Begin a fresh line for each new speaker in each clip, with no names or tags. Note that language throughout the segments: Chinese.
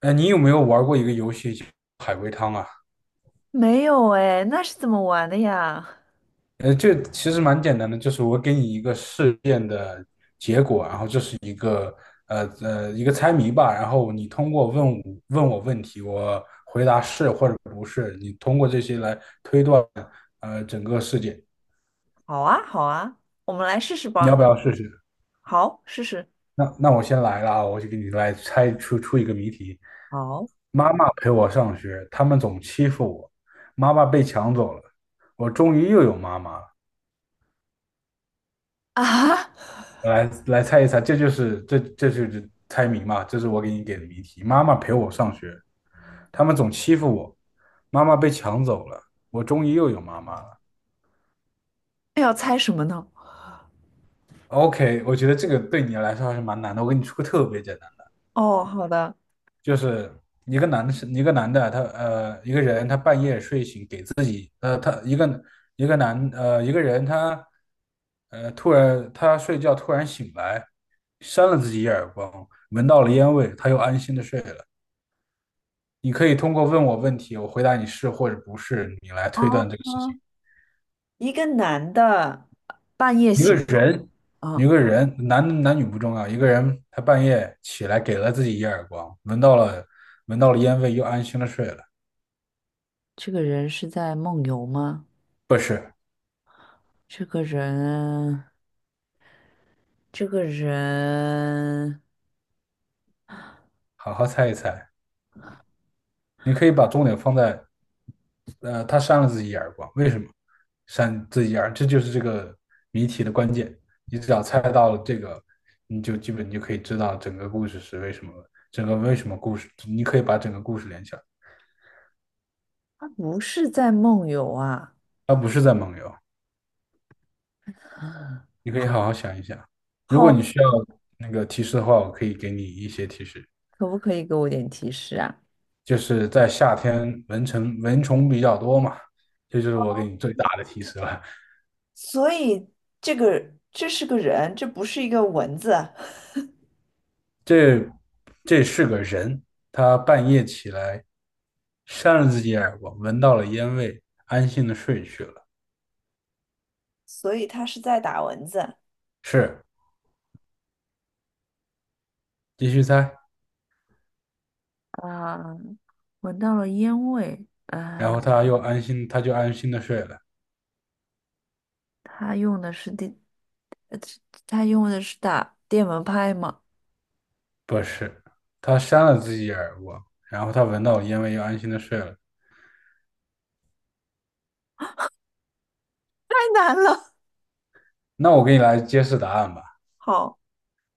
你有没有玩过一个游戏叫海龟汤啊？
没有哎，那是怎么玩的呀？
这其实蛮简单的，就是我给你一个事件的，然后这是一个一个猜谜吧，然后你通过问我问题，我回答是或者不是，你通过这些来整个事件，
好啊，好啊，我们来试试
你要
吧。
不要试试？
好，试试。
那我先来了啊，我就给你来猜出一个谜题。
好。
妈妈陪我上学，他们总欺负我，妈妈被抢走了，我终于又有妈妈了。
啊。
来猜一猜，这就是猜谜嘛，这是我给你给的谜题。妈妈陪我上学，他们总欺负我，妈妈被抢走了，我终于又有妈妈了。
那要猜什么呢？
OK,我觉得这个对你来说还是蛮难的。我给你出个特别简单的，
哦，好的。
就是一个男的，他,一个人他半夜睡醒给自己一个男呃，一个人他呃突然他睡觉突然醒来，扇了自己一耳光，闻到了烟味，他又安心的睡了。你可以通过问我问题，我回答你是或者不是，你来推
哦，
断这个事情。
一个男的半夜
一个
醒。
人，一
啊，
个人，男女不重要，一个人他半夜起来给了自己一耳光，闻到了烟味，又安心的睡了。
这个人是在梦游吗？
不是，
这个人，这个人，
好好猜一猜。你可以把重点放在，他扇了自己一耳光，为什么扇自己一耳？这就是这个谜题的关键。你只要猜到了这个，你就可以知道整个故事是为什么，整个为什么故事，你可以把整个故事连起来。
他不是在梦游啊。
他不是在蒙游，
啊，
你可以好好想一想。如果
好，
你需要那个提示的话，我可以给你一些提示。
可不可以给我点提示啊？
就是在夏天，蚊虫比较多嘛，这就是我给你最大的提示了。
所以这个这是个人，这不是一个蚊子。
这这是个人，他半夜起来扇了自己耳光，闻到了烟味，安心的睡去了。
所以他是在打蚊子。
是，继续猜。
啊，闻到了烟味
然后
啊！
他又安心，他就安心的睡了。
他用的是电，他用的是打电蚊拍吗？
不是，他扇了自己耳光，然后他闻到了烟味，又安心的睡了。
太难了。
那我给你来揭示答案吧，
好，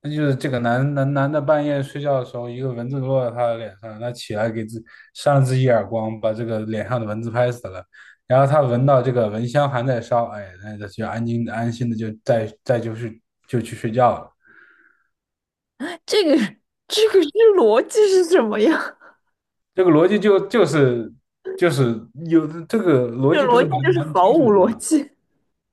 那就是这个男的半夜睡觉的时候，一个蚊子落在他的脸上，他起来给自扇了自己一耳光，把这个脸上的蚊子拍死了。然后他闻到这个蚊香还在烧，哎，那他就安心的就就是就去睡觉了。
这个这个是逻辑是什么呀？
这个逻辑就是有这个 逻
这
辑不
逻
是
辑
蛮
就是
蛮
毫
清楚
无
的
逻辑。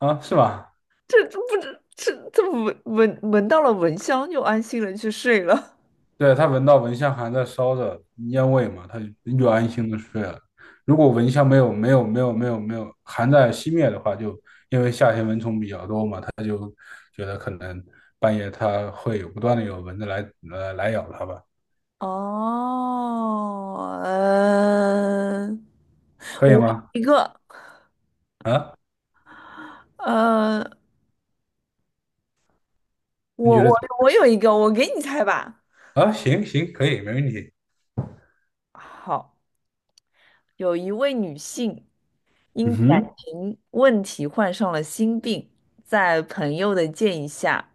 吗？啊，是吧？
这这不知这这闻到了蚊香就安心了去睡了。
对，他闻到蚊香还在烧着烟味嘛，他就安心的睡了。如果蚊香没有还在熄灭的话，就因为夏天蚊虫比较多嘛，他就觉得可能半夜他会有不断的有蚊子来咬他吧，
哦，嗯。
可
我
以吗？
有一个，
啊，
呃，
你
我
觉得
我
怎
我有一个，我给你猜吧。
么啊？行，可以，没问题。
好，有一位女性，
嗯
因感
哼，
情问题患上了心病，在朋友的建议下，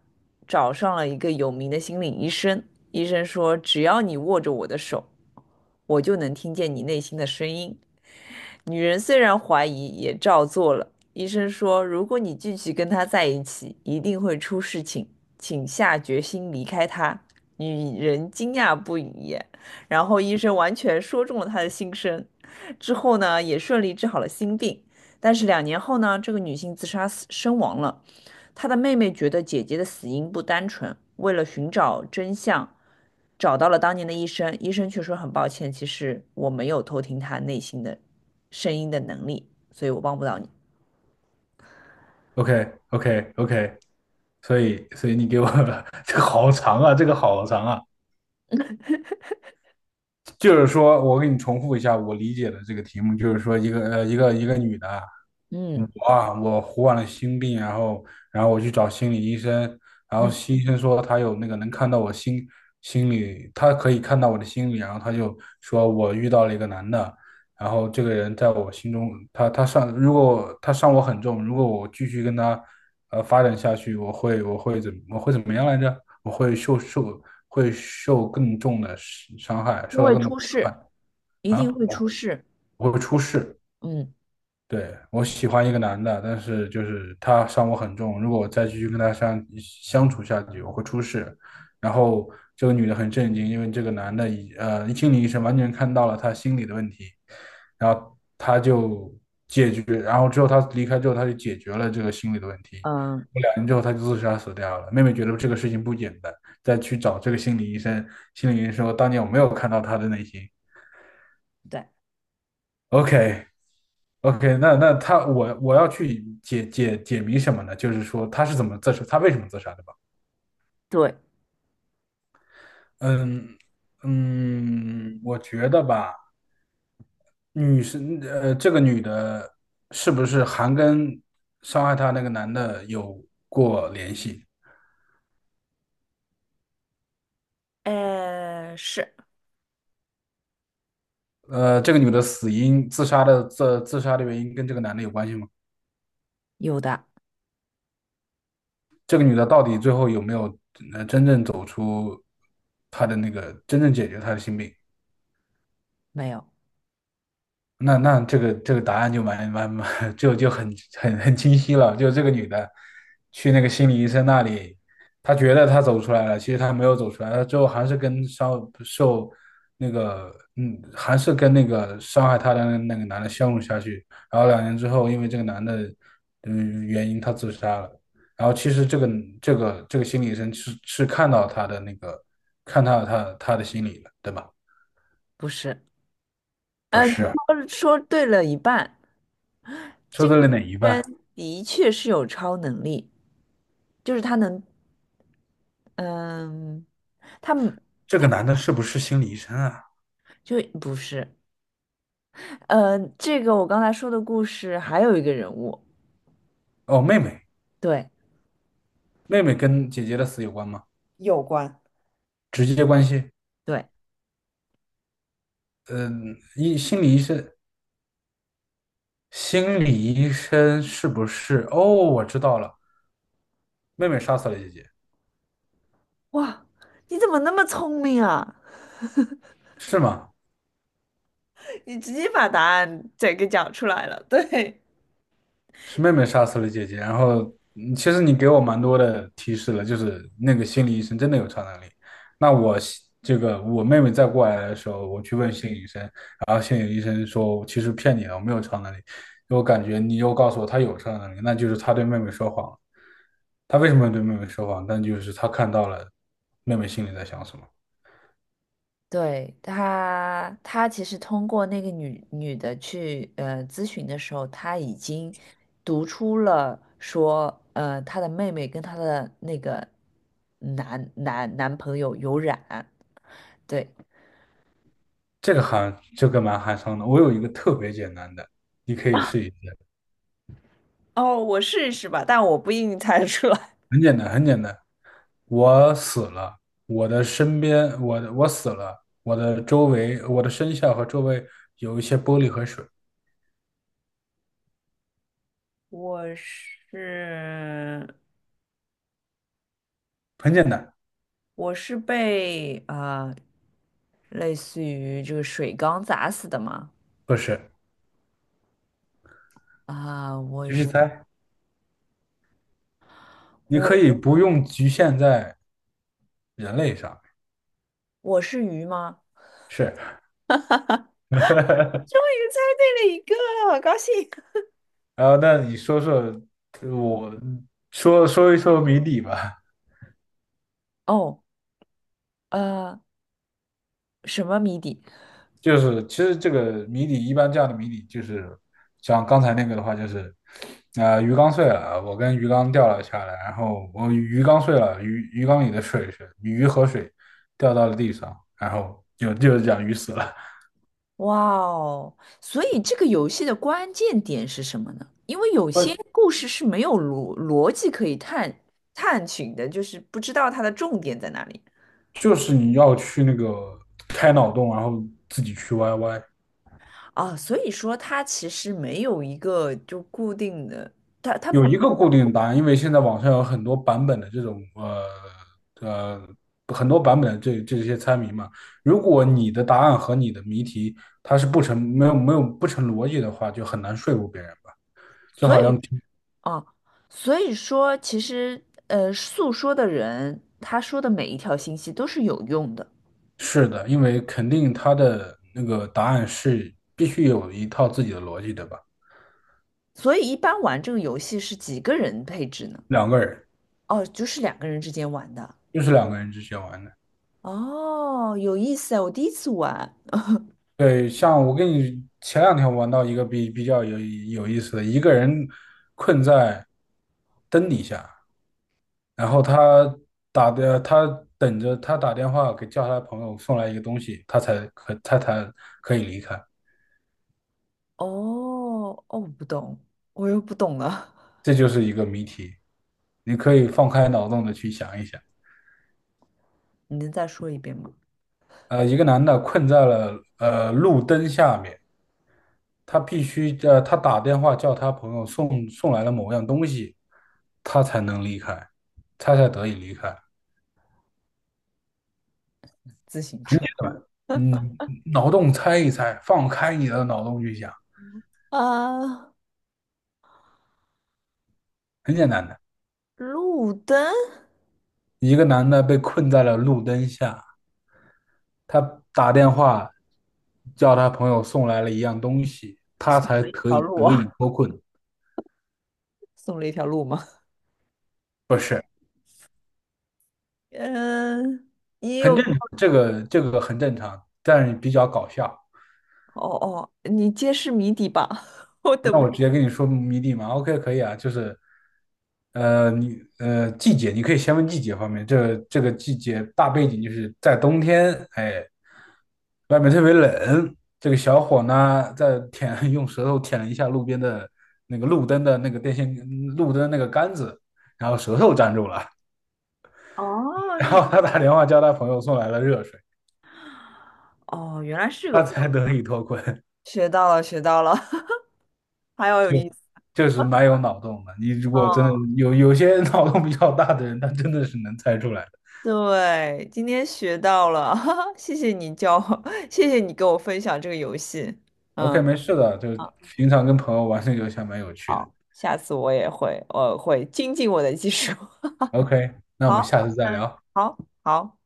找上了一个有名的心理医生。医生说，只要你握着我的手，我就能听见你内心的声音。女人虽然怀疑，也照做了。医生说，如果你继续跟他在一起，一定会出事情，请下决心离开他。女人惊讶不已，然后医生完全说中了她的心声。之后呢，也顺利治好了心病。但是两年后呢，这个女性自杀死身亡了。她的妹妹觉得姐姐的死因不单纯，为了寻找真相，找到了当年的医生。医生却说很抱歉，其实我没有偷听她内心的声音的能力，所以我帮不到你。
OK OK OK,所以你给我 这个好长啊，这个好长啊。就是说，我给你重复一下我理解的这个题目，就是说，一个女的，
嗯
我啊，我完了心病，然后然后我去找心理医生，然后
嗯，
心医生说他有那个能看到我心里，他可以看到我的心理，然后他就说我遇到了一个男的，然后这个人在我心中，他他伤，如果他伤我很重，如果我继续跟他发展下去，我会怎么样来着？我会受受会受更重的伤害，
因
受到
为
更多的
出
伤
事，一
害
定
啊，
会出事。
我会出事。
嗯
对，我喜欢一个男的，但是就是他伤我很重，如果我再继续跟他相处下去，我会出事。然后这个女的很震惊，因为这个男的已呃心理医生完全看到了他心理的问题，然后他就解决，然后之后他离开之后，他就解决了这个心理的问题。
嗯，
过两年之后，他就自杀死掉了。妹妹觉得这个事情不简单，再去找这个心理医生，心理医生说当年我没有看到他的内心。
对
OK。OK,那我我要去解谜什么呢？就是说他是怎么自杀，他为什么自杀的吧？
对。
嗯嗯，我觉得吧，这个女的是不是还跟伤害她那个男的有过联系？
呃，是
呃，这个女的死因自杀的自自杀的原因跟这个男的有关系吗？
有的。
这个女的到底最后有没有呃真正走出她的那个真正解决她的心病？
没有。
那这个答案就蛮 就很清晰了，就这个女的去那个心理医生那里，她觉得她走出来了，其实她没有走出来，她最后还是跟伤受那个嗯，还是跟那个伤害她的那个男的相处下去，然后两年之后，因为这个男的原因，她自杀了。然后其实这个心理医生是看到她的那个看到她的心理了，对吧？
不是。
不
呃，你
是，
说说对了一半。
说
这
到
个
了哪一半？
人的确是有超能力，就是他能，嗯，他们
这个男的是不是心理医生啊？
就不是。呃，这个我刚才说的故事还有一个人物，
哦，妹妹，
对。
妹妹跟姐姐的死有关吗？
有关，
直接关系？
对。
嗯，一心理医生，心理医生是不是？哦，我知道了，妹妹杀死了姐姐，
哇，你怎么那么聪明啊？
是吗？
你直接把答案整个讲出来了。对，
是妹妹杀死了姐姐，然后其实你给我蛮多的提示了，就是那个心理医生真的有超能力。那我西这个我妹妹再过来的时候，我去问心理医生，然后心理医生说其实骗你了，我没有超能力。我感觉你又告诉我他有超能力，那就是他对妹妹说谎了。他为什么要对妹妹说谎？但就是他看到了妹妹心里在想什么。
对，他，他其实通过那个女的去咨询的时候，他已经读出了说，呃，他的妹妹跟他的那个男朋友有染，对。
这个含这个蛮寒伤的。我有一个特别简单的，你可以试一试。
哦，我试试吧，但我不一定猜得出来。
很简单，很简单。我死了，我死了，我的周围，我的身下和周围有一些玻璃和水，
我是
很简单，
我是被啊、呃类似于这个水缸砸死的吗？
不是？
啊、我
继续
是
猜，你可
我
以不用局限在人类上，
我是鱼吗？
是。
终 于猜对了一个，好高兴！
然后，那你说说，我说说一说谜底吧。
哦，呃，什么谜底？
就是其实这个谜底一般这样的谜底就是像刚才那个的话就是，啊、鱼缸碎了，我跟鱼缸掉了下来，然后我鱼缸碎了，鱼缸里的水是鱼和水掉到了地上，然后就是讲鱼死了，
哇哦！所以这个游戏的关键点是什么呢？因为有 些
呃，
故事是没有逻辑可以探寻的，就是不知道它的重点在哪里
就是你要去那个开脑洞，然后自己去歪歪。
啊。所以说，它其实没有一个就固定的，它它，
有一个固定答案，因为现在网上有很多版本的这种呃很多版本的这些猜谜嘛。如果你的答案和你的谜题它是不成没有没有不成逻辑的话，就很难说服别人吧。就
所
好
以
像
啊，所以说其实呃，诉说的人他说的每一条信息都是有用的。
是的，因为肯定他的那个答案是必须有一套自己的逻辑的吧。
所以一般玩这个游戏是几个人配置呢？
两个人
哦，就是两个人之间玩的。
就是两个人之间玩的。
哦，有意思啊，我第一次玩
对，像我跟你前两天玩到一个比较有意思的，一个人困在灯底下，然
啊。
后他打的，他等着他打电话给叫他的朋友送来一个东西，他才可以离开。
哦，哦，我不懂，我又不懂了。
这就是一个谜题，你可以放开脑洞的去想一想。
你能再说一遍吗？
呃，一个男的困在了呃路灯下面，他必须呃他打电话叫他朋友送来了某样东西，他才能离开，他才得以离开。
自行
很
车
简单，嗯，脑洞猜一猜，放开你的脑洞去想，
啊，
很简单的。
路灯，
一个男的被困在了路灯下，他打电话叫他朋友送来了一样东西，他才可
条
以
路
得
啊，
以脱困。
送了一条路吗？
不是，
嗯，也
很
有。
正，这个很正常，但是比较搞笑。
哦哦，你揭示谜底吧，我等
那
不。
我直接跟你说谜底嘛，OK,可以啊，就是，季节，你可以先问季节方面，这个季节大背景就是在冬天，哎，外面特别冷，这个小伙呢在舔 用舌头舔了一下路边的那个路灯的那个电线路灯那个杆子，然后舌头粘住了，
哦，
然
是
后他打电话叫他朋友送来了热水，
哦，原来是个
他
方
才得以脱困。
学到了，学到了。还要有意思。
就是蛮有脑洞的，你如果真的有些脑洞比较大的人，他真的是能猜出来。
对，今天学到了。哈哈，谢谢你教我，谢谢你给我分享这个游戏。嗯。
OK,没事的，就是
嗯，
平常跟朋友玩这个游戏还蛮有趣的。
好，下次我也会，我会精进我的技术。
OK,那我们
好，
下次再
嗯，
聊。
好，好。